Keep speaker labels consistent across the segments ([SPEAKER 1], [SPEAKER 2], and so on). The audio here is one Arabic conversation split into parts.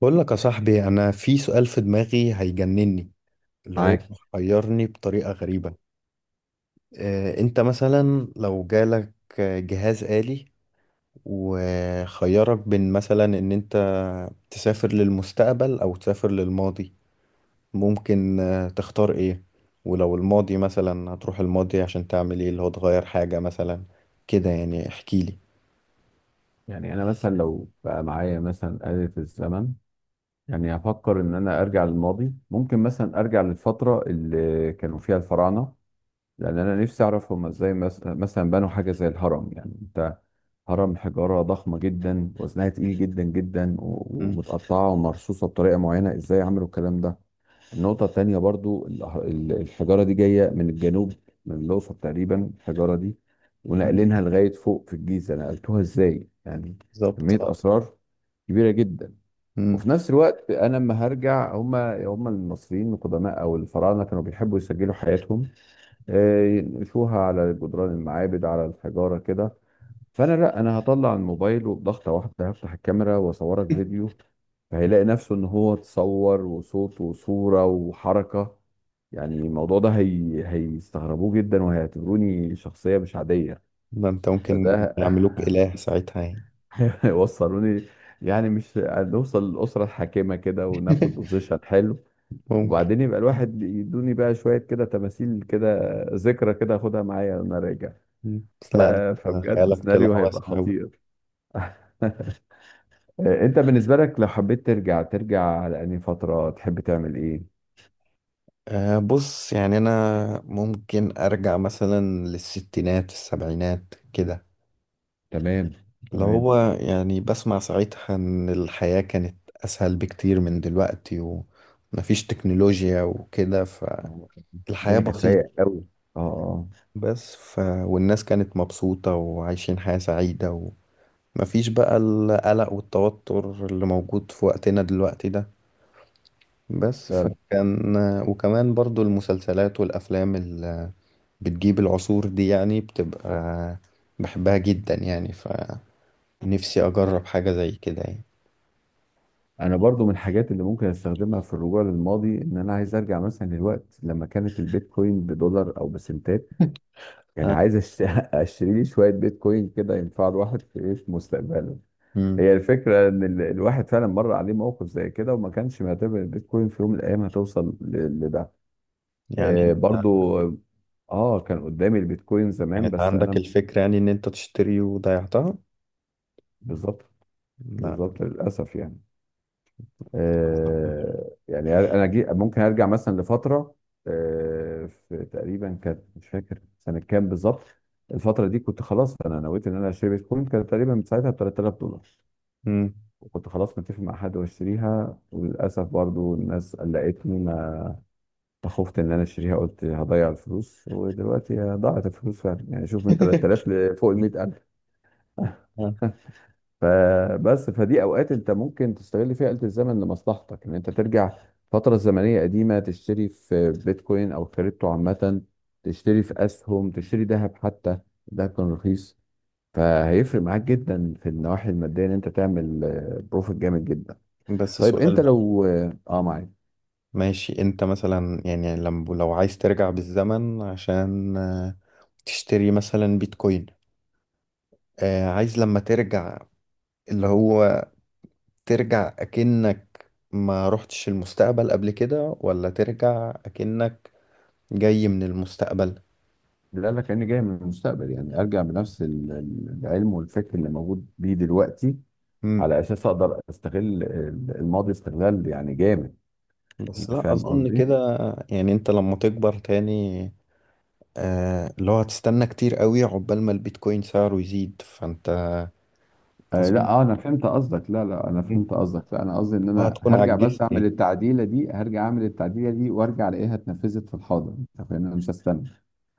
[SPEAKER 1] بقول لك يا صاحبي، انا في سؤال في دماغي هيجنني اللي هو
[SPEAKER 2] معاك.
[SPEAKER 1] محيرني بطريقة غريبة. انت مثلا لو جالك جهاز آلي وخيرك بين مثلا ان انت تسافر للمستقبل او تسافر للماضي. ممكن تختار ايه؟ ولو الماضي مثلا، هتروح الماضي عشان تعمل ايه؟ اللي هو تغير حاجة مثلا كده، يعني احكي لي.
[SPEAKER 2] يعني انا مثلا لو بقى معايا مثلا آلة الزمن، يعني هفكر ان انا ارجع للماضي. ممكن مثلا ارجع للفترة اللي كانوا فيها الفراعنة، لان انا نفسي اعرف هم ازاي مثلا بنوا حاجة زي الهرم. يعني انت، هرم حجارة ضخمة جدا وزنها تقيل جدا جدا
[SPEAKER 1] مم.
[SPEAKER 2] ومتقطعة ومرصوصة بطريقة معينة، ازاي عملوا الكلام ده؟ النقطة التانية برضو الحجارة دي جاية من الجنوب، من الأقصر تقريبا الحجارة دي،
[SPEAKER 1] مم.
[SPEAKER 2] ونقلينها لغاية فوق في الجيزة، نقلتوها إزاي يعني؟
[SPEAKER 1] بالظبط،
[SPEAKER 2] كمية
[SPEAKER 1] اه.
[SPEAKER 2] أسرار كبيرة جدا.
[SPEAKER 1] مم.
[SPEAKER 2] وفي نفس الوقت أنا لما هرجع، هما المصريين القدماء أو الفراعنة كانوا بيحبوا يسجلوا حياتهم، ينقشوها على جدران المعابد على الحجارة كده. فانا، لا انا هطلع الموبايل وبضغطه واحده هفتح الكاميرا واصورك فيديو، فهيلاقي نفسه ان هو اتصور وصوت وصوره وحركه. يعني الموضوع ده هيستغربوه جدا وهيعتبروني شخصيه مش عاديه.
[SPEAKER 1] ده انت ممكن
[SPEAKER 2] فده
[SPEAKER 1] يعملوك إله ساعتها يعني.
[SPEAKER 2] هيوصلوني. يعني مش هنوصل للاسره الحاكمه كده وناخد بوزيشن حلو؟
[SPEAKER 1] ممكن.
[SPEAKER 2] وبعدين يبقى الواحد يدوني بقى شويه كده تماثيل كده، ذكرى كده اخدها معايا وانا راجع.
[SPEAKER 1] مم. بس
[SPEAKER 2] ف...
[SPEAKER 1] لا، ده
[SPEAKER 2] فبجد
[SPEAKER 1] خيالك
[SPEAKER 2] سيناريو
[SPEAKER 1] طلع
[SPEAKER 2] هيبقى
[SPEAKER 1] واسع أوي.
[SPEAKER 2] خطير. انت بالنسبة لك لو حبيت ترجع، ترجع على انهي فترة؟ تحب تعمل ايه؟
[SPEAKER 1] أه، بص يعني أنا ممكن أرجع مثلا للستينات السبعينات كده.
[SPEAKER 2] تمام.
[SPEAKER 1] اللي
[SPEAKER 2] تمام.
[SPEAKER 1] هو يعني بسمع ساعتها إن الحياة كانت أسهل بكتير من دلوقتي، ومفيش تكنولوجيا وكده،
[SPEAKER 2] آه،
[SPEAKER 1] فالحياة
[SPEAKER 2] الدنيا كانت رايقة
[SPEAKER 1] بسيطة.
[SPEAKER 2] قوي. اه اه.
[SPEAKER 1] بس والناس كانت مبسوطة وعايشين حياة سعيدة، ومفيش بقى القلق والتوتر اللي موجود في وقتنا دلوقتي ده. بس
[SPEAKER 2] فعلا.
[SPEAKER 1] فكان. وكمان برضو المسلسلات والأفلام اللي بتجيب العصور دي يعني بتبقى، بحبها جدا يعني، فنفسي أجرب حاجة زي كده يعني.
[SPEAKER 2] انا برضو من الحاجات اللي ممكن استخدمها في الرجوع للماضي، ان انا عايز ارجع مثلا للوقت لما كانت البيتكوين بدولار او بسنتات. يعني
[SPEAKER 1] آه.
[SPEAKER 2] عايز اشتري لي شوية بيتكوين كده، ينفع الواحد في ايه في مستقبله.
[SPEAKER 1] مم.
[SPEAKER 2] هي الفكرة ان الواحد فعلا مر عليه موقف زي كده، وما كانش معتبر البيتكوين في يوم من الايام هتوصل لده.
[SPEAKER 1] يعني انت.
[SPEAKER 2] برضو اه، كان قدامي البيتكوين زمان
[SPEAKER 1] كانت
[SPEAKER 2] بس
[SPEAKER 1] عندك
[SPEAKER 2] انا.
[SPEAKER 1] الفكرة يعني إن أنت تشتري وضيعتها؟
[SPEAKER 2] بالظبط.
[SPEAKER 1] لا.
[SPEAKER 2] بالظبط للاسف يعني. آه يعني انا جي ممكن ارجع مثلا لفتره، آه في تقريبا كانت مش فاكر سنه كام بالظبط. الفتره دي كنت خلاص انا نويت ان انا اشتري بيتكوين، كانت تقريبا ساعتها ب 3000 دولار.
[SPEAKER 1] مم.
[SPEAKER 2] وكنت خلاص متفق مع حد واشتريها، وللاسف برضو الناس قلقتني، ما فخفت ان انا اشتريها، قلت هضيع الفلوس. ودلوقتي ضاعت الفلوس فعلا يعني. شوف، من 3000 لفوق ال 100,000.
[SPEAKER 1] آه.
[SPEAKER 2] فبس فدي اوقات انت ممكن تستغل فيها آلة الزمن لمصلحتك، ان انت ترجع فترة زمنية قديمة تشتري في بيتكوين او كريبتو عامة، تشتري في اسهم، تشتري ذهب حتى. الذهب كان رخيص. فهيفرق معاك جدا في النواحي المادية، ان انت تعمل بروفيت جامد جدا.
[SPEAKER 1] بس
[SPEAKER 2] طيب
[SPEAKER 1] سؤال
[SPEAKER 2] انت
[SPEAKER 1] بقى.
[SPEAKER 2] لو اه معاك.
[SPEAKER 1] ماشي، أنت مثلا يعني لو عايز ترجع بالزمن عشان تشتري مثلا بيتكوين. عايز لما ترجع، اللي هو ترجع أكنك ما رحتش المستقبل قبل كده، ولا ترجع أكنك جاي من المستقبل؟
[SPEAKER 2] اللي قال لك اني جاي من المستقبل؟ يعني ارجع بنفس العلم والفكر اللي موجود بيه دلوقتي،
[SPEAKER 1] مم.
[SPEAKER 2] على اساس اقدر استغل الماضي استغلال يعني جامد.
[SPEAKER 1] بس
[SPEAKER 2] انت
[SPEAKER 1] لا
[SPEAKER 2] فاهم
[SPEAKER 1] أظن
[SPEAKER 2] قصدي؟
[SPEAKER 1] كده. يعني أنت لما تكبر تاني، اللي هو هتستنى كتير قوي عقبال ما البيتكوين سعره يزيد، فأنت.
[SPEAKER 2] آه لا
[SPEAKER 1] أظن.
[SPEAKER 2] اه انا فهمت قصدك. لا لا انا
[SPEAKER 1] مم.
[SPEAKER 2] فهمت قصدك. لا انا قصدي ان انا
[SPEAKER 1] هتكون
[SPEAKER 2] هرجع
[SPEAKER 1] عجزت
[SPEAKER 2] بس اعمل
[SPEAKER 1] يعني.
[SPEAKER 2] التعديله دي، هرجع اعمل التعديله دي وارجع الاقيها اتنفذت في الحاضر. انت فاهم؟ انا مش هستنى.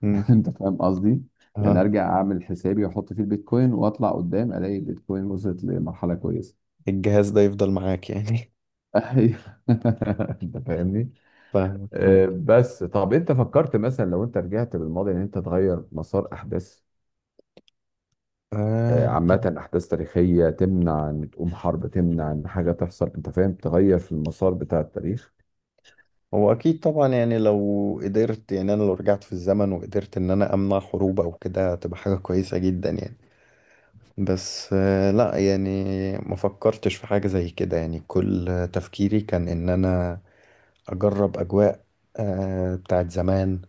[SPEAKER 1] مم.
[SPEAKER 2] انت فاهم قصدي. يعني
[SPEAKER 1] آه.
[SPEAKER 2] ارجع اعمل حسابي واحط فيه البيتكوين واطلع قدام الاقي البيتكوين وصلت لمرحله كويسه.
[SPEAKER 1] الجهاز ده يفضل معاك يعني؟
[SPEAKER 2] أيوه. انت فاهمني.
[SPEAKER 1] فاهمك
[SPEAKER 2] آه
[SPEAKER 1] ماشي.
[SPEAKER 2] بس طب انت فكرت مثلا لو انت رجعت بالماضي ان انت تغير مسار احداث،
[SPEAKER 1] آه.
[SPEAKER 2] عامة أحداث تاريخية، تمنع إن تقوم حرب، تمنع إن حاجة تحصل. أنت فاهم؟ تغير في المسار بتاع التاريخ.
[SPEAKER 1] هو اكيد طبعا، يعني لو قدرت، يعني انا لو رجعت في الزمن وقدرت ان انا امنع حروب او كده، هتبقى حاجة كويسة جدا يعني. بس لا يعني، ما فكرتش في حاجة زي كده يعني، كل تفكيري كان ان انا اجرب اجواء بتاعت زمان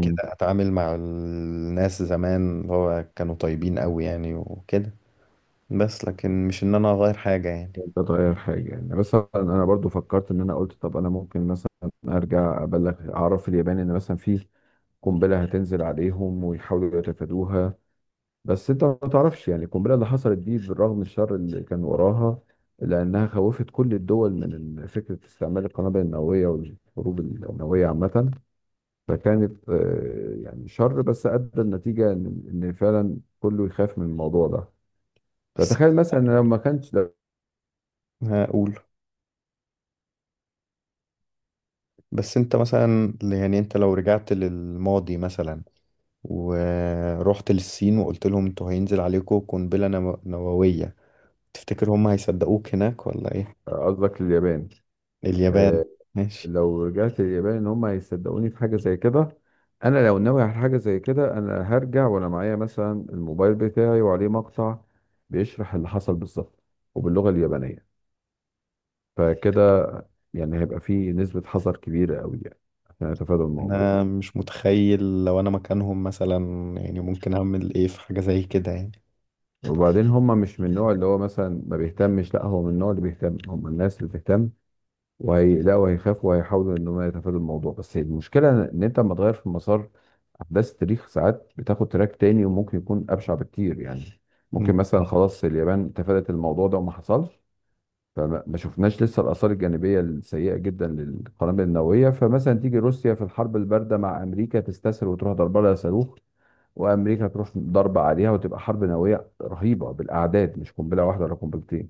[SPEAKER 1] كده، اتعامل مع الناس زمان اللي هو كانوا طيبين قوي يعني وكده. بس لكن مش ان انا اغير حاجة يعني.
[SPEAKER 2] أنت تغير حاجة؟ يعني مثلا أنا برضو فكرت إن أنا قلت طب أنا ممكن مثلا أرجع أبلغ أعرف اليابان إن مثلا في قنبلة هتنزل عليهم ويحاولوا يتفادوها. بس أنت ما تعرفش، يعني القنبلة اللي حصلت دي بالرغم من الشر اللي كان وراها، لأنها خوفت كل الدول من فكرة استعمال القنابل النووية والحروب النووية عامة. فكانت يعني شر بس ادى النتيجه ان إن فعلا كله يخاف من الموضوع ده.
[SPEAKER 1] بس
[SPEAKER 2] فتخيل مثلا لو ما كانش
[SPEAKER 1] هقول. بس انت مثلا يعني انت لو رجعت للماضي مثلا، ورحت للصين وقلت لهم انتوا هينزل عليكم قنبلة نووية، تفتكر هم هيصدقوك هناك ولا ايه؟
[SPEAKER 2] قصدك اليابان.
[SPEAKER 1] اليابان.
[SPEAKER 2] آه،
[SPEAKER 1] ماشي.
[SPEAKER 2] لو رجعت اليابان ان هم هيصدقوني في حاجه زي كده؟ انا لو ناوي على حاجه زي كده، انا هرجع وانا معايا مثلا الموبايل بتاعي وعليه مقطع بيشرح اللي حصل بالظبط، وباللغه اليابانيه. فكده يعني هيبقى فيه نسبه حذر كبيره قوي يعني، عشان اتفادى الموضوع.
[SPEAKER 1] انا مش متخيل لو انا مكانهم مثلا، يعني ممكن اعمل ايه في حاجة زي كده يعني.
[SPEAKER 2] وبعدين هم مش من النوع اللي هو مثلا ما بيهتمش، لا هو من النوع اللي بيهتم. هم الناس اللي بتهتم، وهيقلقوا وهيخافوا وهيحاولوا ان هم يتفادوا الموضوع. بس المشكله ان انت لما تغير في مسار احداث التاريخ، ساعات بتاخد تراك تاني وممكن يكون ابشع بكتير يعني. ممكن
[SPEAKER 1] مم.
[SPEAKER 2] مثلا خلاص اليابان تفادت الموضوع ده وما حصلش، فما ما شفناش لسه الاثار الجانبيه السيئه جدا للقنابل النوويه. فمثلا تيجي روسيا في الحرب البارده مع امريكا تستسهل وتروح ضربه لها صاروخ، وامريكا تروح ضرب عليها وتبقى حرب نوويه رهيبه بالاعداد، مش قنبله واحده ولا قنبلتين.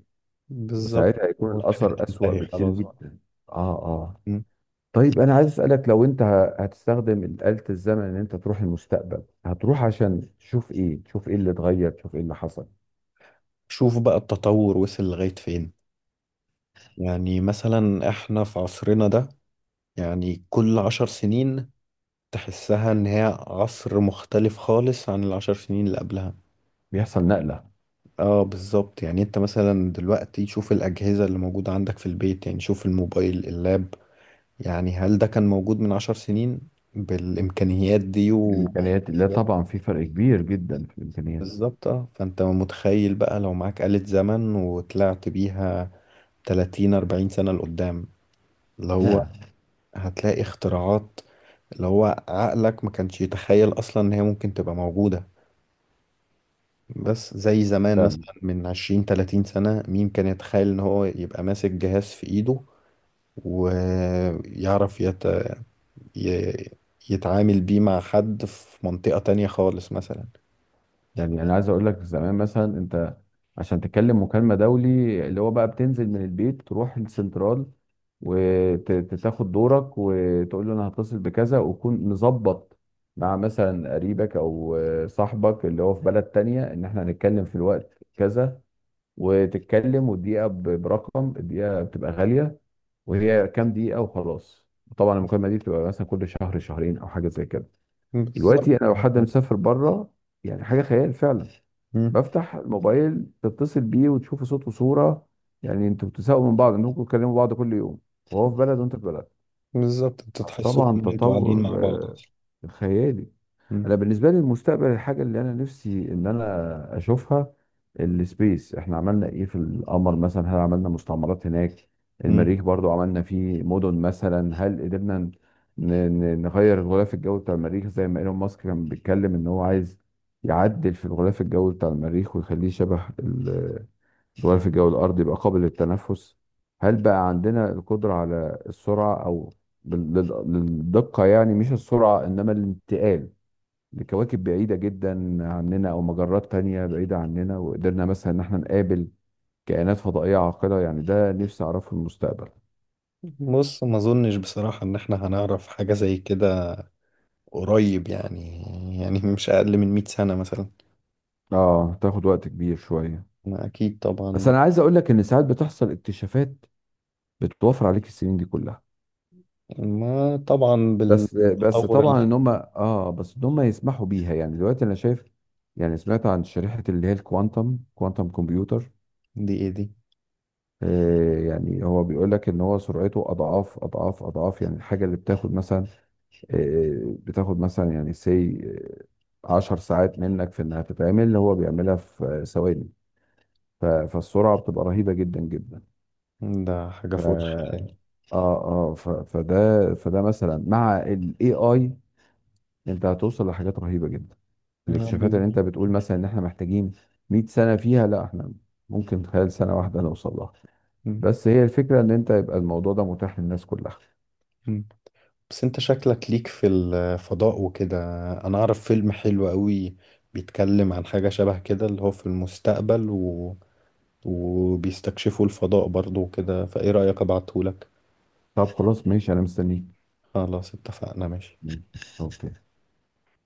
[SPEAKER 1] بالظبط.
[SPEAKER 2] وساعتها هيكون
[SPEAKER 1] والحياة
[SPEAKER 2] الاثر اسوأ
[SPEAKER 1] تنتهي
[SPEAKER 2] بكتير
[SPEAKER 1] خلاص بقى.
[SPEAKER 2] جدا. اه. اه.
[SPEAKER 1] مم.
[SPEAKER 2] طيب انا عايز اسالك، لو انت هتستخدم آلة الزمن ان انت تروح المستقبل، هتروح عشان تشوف ايه؟ تشوف ايه اللي اتغير؟ تشوف ايه اللي حصل؟
[SPEAKER 1] شوف بقى التطور وصل لغاية فين. يعني مثلا احنا في عصرنا ده، يعني كل عشر سنين تحسها ان هي عصر مختلف خالص عن العشر سنين اللي قبلها.
[SPEAKER 2] بيحصل نقله.
[SPEAKER 1] اه، بالظبط، يعني انت مثلا دلوقتي شوف الأجهزة اللي موجودة عندك في البيت، يعني شوف الموبايل، اللاب. يعني هل ده كان موجود من عشر سنين بالإمكانيات دي
[SPEAKER 2] في الامكانيات لا طبعا، في فرق كبير جدا في الامكانيات.
[SPEAKER 1] بالظبط اه. فانت متخيل بقى لو معاك آلة زمن وطلعت بيها 30 40 سنة لقدام، اللي هو هتلاقي اختراعات اللي هو عقلك ما كانش يتخيل اصلا ان هي ممكن تبقى موجودة. بس زي زمان
[SPEAKER 2] لا
[SPEAKER 1] مثلا من 20 30 سنة، مين كان يتخيل ان هو يبقى ماسك جهاز في ايده ويعرف ي... يتعامل بيه مع حد في منطقة تانية خالص مثلا.
[SPEAKER 2] يعني انا عايز اقول لك، زمان مثلا انت عشان تتكلم مكالمه دولي، اللي هو بقى بتنزل من البيت تروح السنترال وتاخد دورك وتقول له انا هتصل بكذا، وتكون مظبط مع مثلا قريبك او صاحبك اللي هو في بلد تانية ان احنا هنتكلم في الوقت كذا. وتتكلم والدقيقه برقم، الدقيقه بتبقى غاليه، وهي كام دقيقه وخلاص. طبعا المكالمه دي بتبقى مثلا كل شهر شهرين او حاجه زي كده.
[SPEAKER 1] بالظبط.
[SPEAKER 2] دلوقتي انا لو حد مسافر بره، يعني حاجه خيال فعلا،
[SPEAKER 1] مم.
[SPEAKER 2] بفتح الموبايل تتصل بيه وتشوف صوت وصوره. يعني انتوا بتساووا من بعض انكم بتكلموا بعض كل يوم، وهو في بلد وانت في بلد.
[SPEAKER 1] بالظبط، انت تحسوا
[SPEAKER 2] طبعا
[SPEAKER 1] ان انتوا قاعدين مع
[SPEAKER 2] تطور
[SPEAKER 1] بعض اصلا.
[SPEAKER 2] خيالي.
[SPEAKER 1] مم.
[SPEAKER 2] انا بالنسبه لي المستقبل، الحاجه اللي انا نفسي ان انا اشوفها، السبيس. احنا عملنا ايه في القمر مثلا؟ هل عملنا مستعمرات هناك؟
[SPEAKER 1] مم.
[SPEAKER 2] المريخ برضو عملنا فيه مدن مثلا؟ هل قدرنا نغير الغلاف الجوي بتاع المريخ زي ما ايلون ماسك كان بيتكلم ان هو عايز يعدل في الغلاف الجوي بتاع المريخ ويخليه شبه الغلاف الجوي الارضي، يبقى قابل للتنفس. هل بقى عندنا القدرة على السرعة او للدقة، يعني مش السرعة انما الانتقال لكواكب بعيدة جدا عننا أو مجرات تانية بعيدة عننا. وقدرنا مثلا إن احنا نقابل كائنات فضائية عاقلة. يعني ده نفسي أعرفه في المستقبل.
[SPEAKER 1] بص، ما اظنش بصراحة ان احنا هنعرف حاجة زي كده قريب يعني مش اقل من 100 سنة مثلا.
[SPEAKER 2] آه تاخد وقت كبير شوية.
[SPEAKER 1] ما اكيد طبعا
[SPEAKER 2] بس أنا عايز أقول لك إن ساعات بتحصل اكتشافات بتوفر عليك السنين دي كلها.
[SPEAKER 1] ما طبعا
[SPEAKER 2] بس
[SPEAKER 1] بالتطور
[SPEAKER 2] طبعا
[SPEAKER 1] اللي.
[SPEAKER 2] إن هم آه بس إن هم يسمحوا بيها. يعني دلوقتي أنا شايف، يعني سمعت عن شريحة اللي هي الكوانتم، كوانتم كمبيوتر.
[SPEAKER 1] دي ايه دي؟
[SPEAKER 2] يعني هو بيقول لك ان هو سرعته اضعاف اضعاف اضعاف. يعني الحاجه اللي بتاخد مثلا بتاخد مثلا يعني سي 10 ساعات منك في انها تتعمل، هو بيعملها في ثواني. فالسرعه بتبقى رهيبه جدا جدا.
[SPEAKER 1] ده حاجة
[SPEAKER 2] ف
[SPEAKER 1] فوق الخيال.
[SPEAKER 2] اه اه فده فده مثلا مع الاي اي، انت هتوصل لحاجات رهيبه جدا.
[SPEAKER 1] آه،
[SPEAKER 2] الاكتشافات اللي
[SPEAKER 1] بالظبط.
[SPEAKER 2] انت بتقول مثلا ان احنا محتاجين 100 سنه فيها، لا احنا ممكن خلال سنه واحده نوصل لها.
[SPEAKER 1] مم.
[SPEAKER 2] بس هي الفكرة ان انت يبقى الموضوع ده متاح للناس كلها.
[SPEAKER 1] مم. بس انت شكلك ليك في الفضاء وكده، انا اعرف فيلم حلو قوي بيتكلم عن حاجة شبه كده اللي هو في المستقبل وبيستكشفوا الفضاء برضو وكده، فايه رأيك ابعتهولك؟
[SPEAKER 2] طب خلاص ماشي، انا مستنيك.
[SPEAKER 1] خلاص اتفقنا ماشي.
[SPEAKER 2] مم. اوكي.